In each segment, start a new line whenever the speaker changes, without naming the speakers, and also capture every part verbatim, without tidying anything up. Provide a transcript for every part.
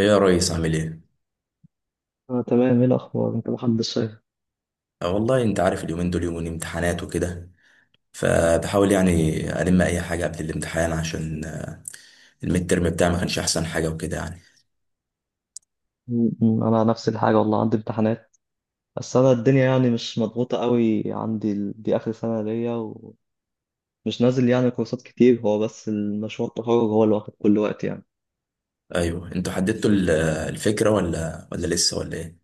ايه يا ريس عامل ايه؟
اه تمام، ايه الاخبار؟ انت محمد الشايف.
آه والله انت عارف اليومين دول يومين امتحانات وكده، فبحاول يعني الم اي حاجه قبل الامتحان عشان آه، الميد ترم بتاعي ما كانش احسن حاجه وكده يعني.
م- م- انا نفس الحاجه والله، عندي امتحانات بس انا الدنيا يعني مش مضغوطه قوي عندي، ال- دي اخر سنه ليا ومش نازل يعني كورسات كتير، هو بس المشروع التخرج هو اللي واخد كل وقت يعني.
ايوه، انتوا حددتوا ال- آه، الفكره ولا ولا لسه ولا ايه؟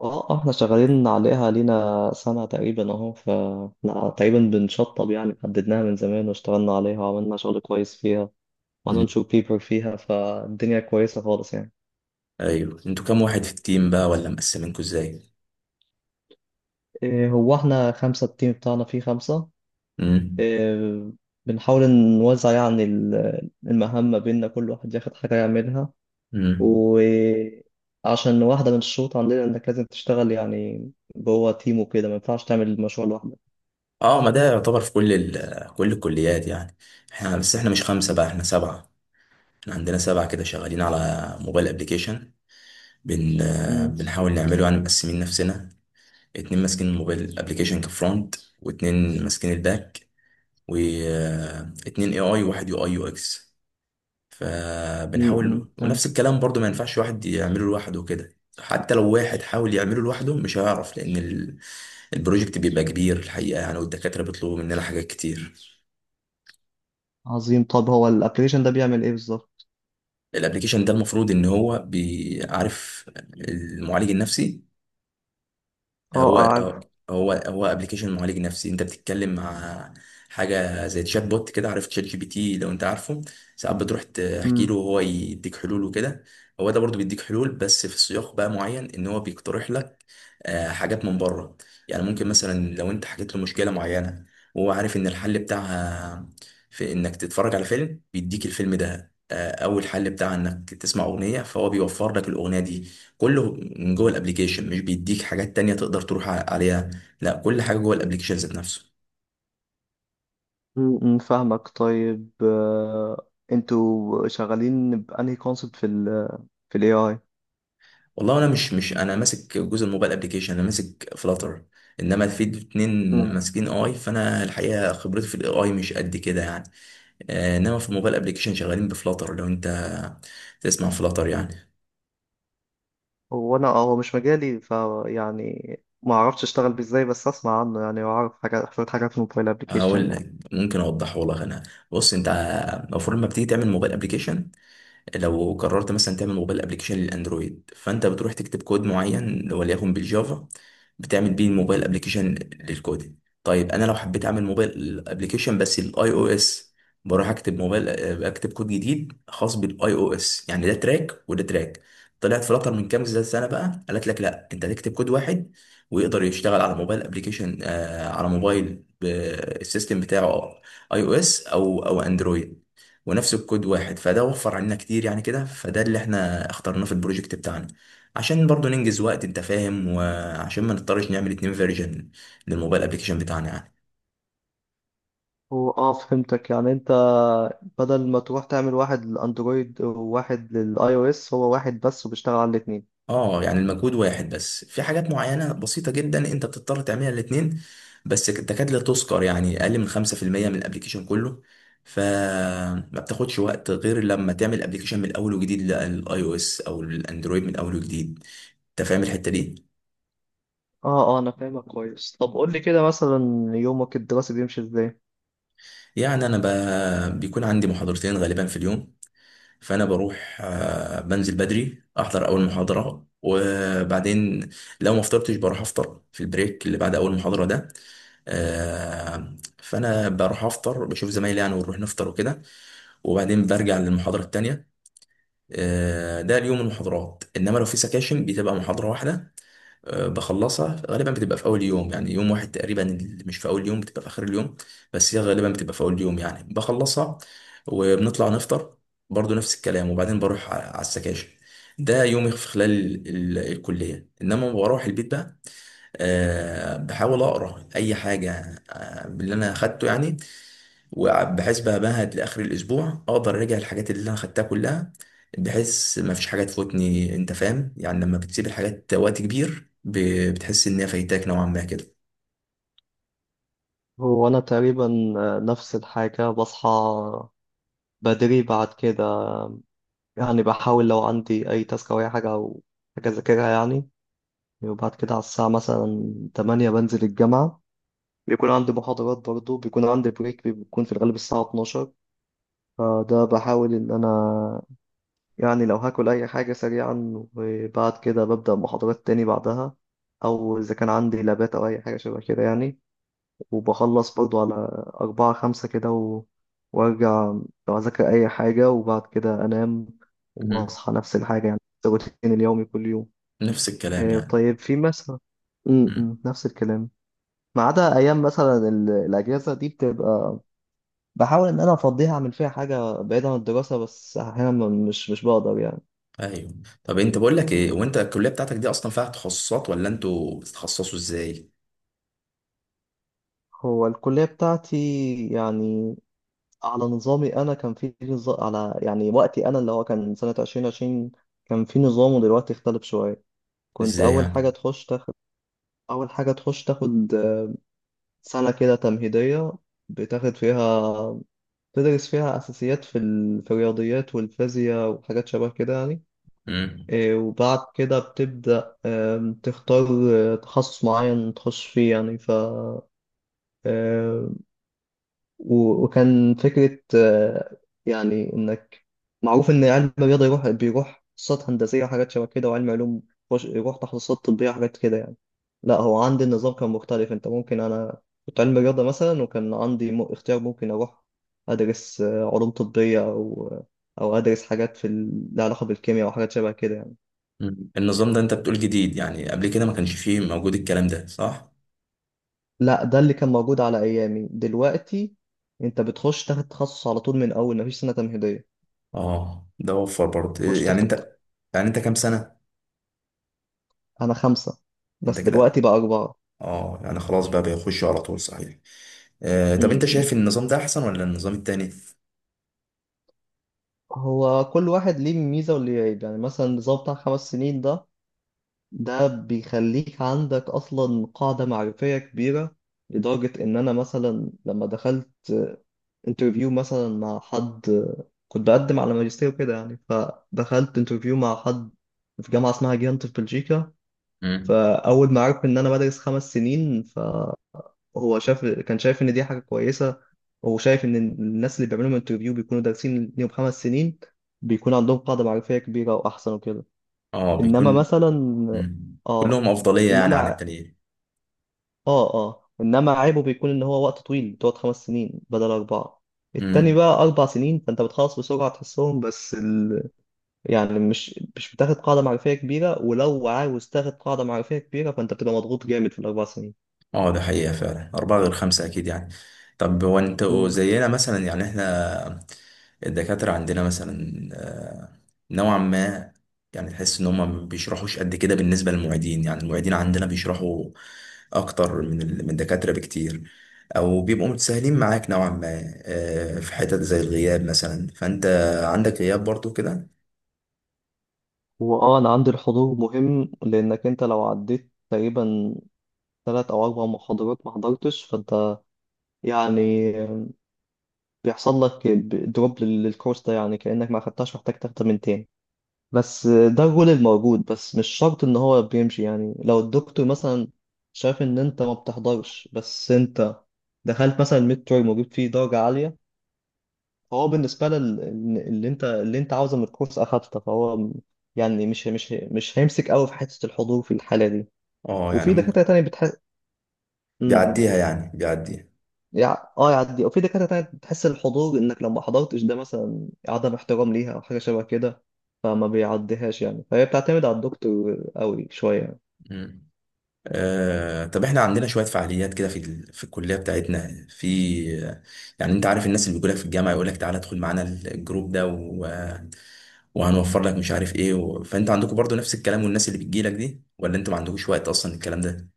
اه آه، احنا شغالين عليها لينا سنه تقريبا اهو ف لا، تقريبا بنشطب يعني، حددناها من زمان واشتغلنا عليها وعملنا شغل كويس فيها
مم.
وهننشر بيبر فيها، فالدنيا كويسه خالص يعني.
ايوه، انتوا كام واحد في التيم بقى ولا مقسمينكوا ازاي؟
إيه، هو احنا خمسه، التيم بتاعنا فيه خمسه.
امم.
آه، بنحاول نوزع يعني ال- المهام ما بيننا، كل واحد ياخد حاجة يعملها،
امم.
وعشان واحدة من الشروط عندنا إنك لازم تشتغل يعني جوه تيم وكده، ما ينفعش تعمل المشروع لوحدك.
اه، ما ده يعتبر في كل ال آه، كل الكليات يعني. احنا بس احنا مش خمسه بقى، احنا سبعه. احنا عندنا سبعه كده شغالين على موبايل ابلكيشن، بن آه،
مم.
بنحاول نعمله يعني، مقسمين نفسنا. اتنين ماسكين الموبايل ابلكيشن كفرونت، واتنين ماسكين الباك، واتنين اي اي واحد يو اي يو اكس.
مم، مم،
فبنحاول، ونفس
فهمت.
الكلام برضو، ما ينفعش واحد يعمله لوحده كده، حتى لو واحد حاول يعمله لوحده مش هيعرف، لان ال- البروجكت بيبقى كبير الحقيقه يعني، والدكاتره بيطلبوا مننا حاجات كتير.
عظيم، طب هو الابلكيشن ده بيعمل إيه بالظبط؟
الابلكيشن ده المفروض ان هو بيعرف المعالج النفسي.
اه آه،
هو
عارف.
هو هو ابلكيشن معالج نفسي، انت بتتكلم مع حاجه زي تشات بوت كده، عارف تشات جي بي تي؟ لو انت عارفه، ساعات بتروح تحكي له
مم.
وهو يديك حلول وكده. هو ده برضو بيديك حلول، بس في سياق بقى معين، ان هو بيقترح لك آه، حاجات من بره. يعني ممكن مثلا لو انت حكيت له مشكله معينه، وهو عارف ان الحل بتاعها في انك تتفرج على فيلم، بيديك الفيلم ده. آه، اول حل بتاعها انك تسمع اغنيه، فهو بيوفر لك الاغنيه دي. كله من جوه الابليكيشن، مش بيديك حاجات تانية تقدر تروح ع- عليها، لا، كل حاجة جوه الابليكيشن ذات نفسه.
مم، مم، فاهمك. طيب آه، انتوا شغالين بأنهي كونسبت في ال في ال A I؟
والله انا مش مش انا ماسك جزء الموبايل ابليكيشن، انا ماسك فلاتر، انما في اتنين ماسكين اي، فانا الحقيقة خبرتي في الاي مش قد كده يعني. آه، انما في الموبايل ابليكيشن شغالين بفلاتر، لو انت تسمع فلاتر يعني.
هو انا آه، هو مش مجالي فيعني، ما اعرفش اشتغل بيه ازاي بس اسمع عنه يعني، واعرف حاجات شويه حاجات في الموبايل ابلكيشن
هقول
يعني.
لك، ممكن اوضحه لك انا. بص انت، المفروض لما بتيجي تعمل موبايل ابلكيشن، لو قررت مثلا تعمل موبايل ابلكيشن للاندرويد، فانت بتروح تكتب كود معين وليكن بالجافا، بتعمل بيه الموبايل ابلكيشن للكود. طيب انا لو حبيت اعمل موبايل ابلكيشن بس للاي او اس، بروح اكتب موبايل، اكتب كود جديد خاص بالاي او اس، يعني ده تراك وده تراك. طلعت فلاتر من كام سنه بقى قالت لك، لا، انت هتكتب كود واحد ويقدر يشتغل على موبايل ابلكيشن، آه، على موبايل ب- السيستم بتاعه اي او اس او او اندرويد، ونفس الكود واحد. فده وفر علينا كتير يعني كده، فده اللي احنا اخترناه في البروجكت بتاعنا، عشان برضو ننجز وقت انت فاهم، وعشان ما نضطرش نعمل اتنين فيرجن للموبايل ابليكيشن بتاعنا يعني.
هو اه فهمتك، يعني انت بدل ما تروح تعمل واحد للاندرويد وواحد للاي او اس، هو واحد بس وبيشتغل على الاثنين.
اه، يعني المجهود واحد، بس في حاجات معينة بسيطة جدا انت بتضطر تعملها الاتنين، بس تكاد لا تذكر، يعني اقل من خمسه في الميه من الابليكيشن كله. فما بتاخدش وقت غير لما تعمل ابليكيشن من الاول وجديد للاي او اس او الاندرويد من الاول وجديد، انت فاهم الحتة دي.
اه اه انا فاهمك كويس. طب قول لي كده مثلا، يومك الدراسي بيمشي ازاي؟
يعني انا ب... بيكون عندي محاضرتين غالبا في اليوم، فانا بروح، آه، بنزل بدري احضر اول محاضره، وبعدين لو ما فطرتش بروح افطر في البريك اللي بعد اول محاضره ده. آه، فانا بروح افطر، بشوف زمايلي يعني، ونروح نفطر وكده، وبعدين برجع للمحاضره التانيه. آه، ده اليوم المحاضرات، انما لو في سكاشن بتبقى محاضره واحده. آه، بخلصها غالبا، بتبقى في اول يوم يعني، يوم واحد تقريبا، اللي مش في اول يوم بتبقى في اخر اليوم، بس هي غالبا بتبقى في اول يوم يعني، بخلصها وبنطلع نفطر برضو نفس الكلام، وبعدين بروح ع- على السكاشن. ده يومي في خلال ال- الكلية، انما بروح البيت بقى، أه بحاول اقرا اي حاجة آه، باللي انا اخدته يعني، وبحيث بمهد لاخر الاسبوع اقدر اراجع الحاجات اللي انا خدتها كلها، بحيث ما فيش حاجه تفوتني، انت فاهم؟ يعني لما بتسيب الحاجات وقت كبير ب- بتحس انها فايتاك نوعا ما كده.
هو انا تقريبا آه، نفس الحاجه، بصحى بدري، بعد كده يعني بحاول لو عندي اي تاسك او اي حاجه او حاجه اذاكرها يعني، وبعد كده على الساعة مثلا تمانية بنزل الجامعة، بيكون عندي محاضرات برضه، بيكون عندي بريك بيكون في الغالب الساعة اتناشر، فده بحاول إن أنا يعني لو هاكل أي حاجة سريعا، وبعد كده ببدأ محاضرات تاني بعدها، أو إذا كان عندي لابات أو أي حاجة شبه كده يعني، وبخلص برضه على أربعة خمسة كده و... وأرجع لو أذاكر أي حاجة وبعد كده أنام،
مم.
وأصحى نفس الحاجة يعني، روتين اليومي كل يوم.
نفس الكلام
آه،
يعني.
طيب في مثلا م-
مم.
م، نفس الكلام، ما عدا ايام مثلا ال- الاجازه دي بتبقى بحاول ان انا افضيها اعمل فيها حاجه بعيده عن الدراسه، بس احيانا م- مش مش بقدر يعني.
ايوه، طب انت بقول لك ايه، وانت الكليه بتاعتك دي اصلا فيها تخصصات ولا انتوا بتتخصصوا ازاي؟
هو الكليه بتاعتي يعني على نظامي انا، كان في نظام على يعني وقتي انا، اللي هو كان سنه الفين وعشرين، كان في نظام ودلوقتي اختلف شويه. كنت
ازاي
اول حاجه
يعني؟
تخش تاخد اول حاجه تخش تاخد سنه كده تمهيديه، بتاخد فيها تدرس فيها اساسيات في ال- في الرياضيات والفيزياء وحاجات شبه كده يعني.
مم.
إيه، وبعد كده بتبدأ آم، تختار آه، تخصص معين تخش فيه يعني ف آه، و- وكان فكرة آه، يعني إنك معروف إن علم الرياضة يروح بيروح تخصصات هندسية وحاجات شبه كده، وعلم علوم يخش- يروح تخصصات طبية وحاجات كده يعني. لا، هو عندي النظام كان مختلف، أنت ممكن، أنا كنت علم رياضة مثلا وكان عندي م- اختيار ممكن أروح أدرس آه، علوم طبية أو آه، أو أدرس حاجات في ال- لها علاقة بالكيمياء وحاجات شبه كده يعني.
مم. النظام ده انت بتقول جديد، يعني قبل كده ما كانش فيه، موجود الكلام ده، صح؟
لا، ده اللي كان موجود على ايامي، دلوقتي انت بتخش تاخد تخصص على طول من اول، مفيش سنه تمهيديه
اه، ده وفر برضه
تخش
إيه، يعني
تاخد.
انت، يعني انت كام سنه؟
انا خمسه،
انت
بس
كده،
دلوقتي بقى اربعه.
اه يعني خلاص بقى بيخشوا على طول، صحيح. آه، طب
م-
انت
م.
شايف النظام ده احسن ولا النظام التاني؟
هو كل واحد ليه ميزه وليه عيب، يعني مثلا النظام بتاع خمس سنين ده، ده بيخليك عندك اصلا قاعده معرفيه كبيره، لدرجه ان انا مثلا لما دخلت انترفيو مثلا مع حد، كنت بقدم على ماجستير كده يعني، فدخلت انترفيو مع حد في جامعه اسمها جيانت في بلجيكا،
مم.
فأول ما عرف إن أنا بدرس خمس سنين، فهو شاف كان شايف إن دي حاجة كويسة، هو شايف إن الناس اللي بيعملوا انترفيو بيكونوا دارسين ليهم خمس سنين، بيكون عندهم قاعدة معرفية كبيرة وأحسن وكده.
اه
إنما
بيكون.
مثلا
مم.
آه
كلهم افضليه يعني عن
إنما
التانيين.
آه آه إنما عيبه بيكون إن هو وقت طويل، تقعد خمس سنين بدل أربعة. التاني
مم.
بقى أربع سنين فأنت بتخلص بسرعة، تحسهم بس ال... يعني مش مش بتاخد قاعدة معرفية كبيرة، ولو عاوز تاخد قاعدة معرفية كبيرة فأنت بتبقى مضغوط جامد في الأربع سنين.
اه، ده حقيقه فعلا، اربعه غير خمسه اكيد يعني. طب هو انت
مم.
زينا مثلا، يعني احنا الدكاترة عندنا مثلا، آه، نوعا ما يعني تحس إن هما ما بيشرحوش قد كده، بالنسبة للمعيدين يعني، المعيدين عندنا بيشرحوا أكتر من ال- من الدكاترة بكتير، أو بيبقوا متساهلين معاك نوعا ما، آه، في حتت زي الغياب مثلا، فأنت عندك غياب برضو كده؟
واه انا عندي الحضور مهم، لانك انت لو عديت تقريبا ثلاث او اربع محاضرات ما حضرتش، فانت يعني بيحصل لك دروب للكورس ده، يعني كانك ما خدتهاش، محتاج تاخدها من تاني. بس ده الرول الموجود، بس مش شرط ان هو بيمشي، يعني لو الدكتور مثلا شاف ان انت ما بتحضرش، بس انت دخلت مثلا الميد تيرم وجبت فيه درجة عالية، فهو بالنسبة لل اللي انت اللي انت عاوزه من الكورس اخدته، فهو م- يعني مش مش مش هيمسك قوي في حتة الحضور في الحالة دي.
اه يعني
وفي
ممكن،
دكاترة تانية بتحس،
بيعديها يعني، بيعديها.
يعني اه يعدي، وفي دكاترة تانية بتحس الحضور انك لو ما حضرتش ده مثلا عدم احترام ليها او حاجة شبه كده، فما بيعديهاش يعني، فهي بتعتمد على الدكتور قوي شوية يعني.
مم. آه، طب احنا عندنا شوية فعاليات كده في ال- في الكلية بتاعتنا، في يعني انت عارف الناس اللي بيقولك في الجامعة يقولك تعالى ادخل معانا الجروب ده، وهنوفر لك مش عارف ايه و... فانتوا عندكم برضو نفس الكلام والناس اللي بتجي لك دي، ولا انتوا ما عندكوش وقت اصلا الكلام ده؟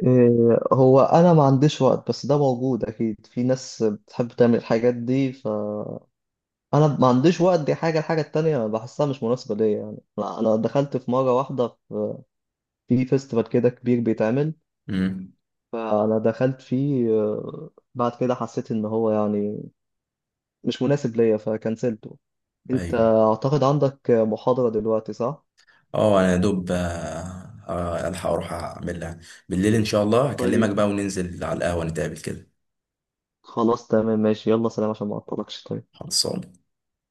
إيه، هو انا ما عنديش وقت، بس ده موجود اكيد، في ناس بتحب تعمل الحاجات دي. انا ما عنديش وقت، دي حاجه، الحاجه التانية بحسها مش مناسبه ليا يعني، انا أنا دخلت في مره واحده في في فيستيفال كده كبير بيتعمل،
امم.
فانا دخلت فيه آه، بعد كده حسيت ان هو يعني مش مناسب ليا فكنسلته. انت
ايوه.
اعتقد عندك محاضره دلوقتي صح؟
اه انا يا دوب، آه، آه، الحق اروح اعمل لها، بالليل ان شاء الله هكلمك
طيب،
بقى وننزل على القهوة نتقابل كده.
خلاص تمام ماشي يلا سلام، عشان ما اعطلكش طيب.
خلصان.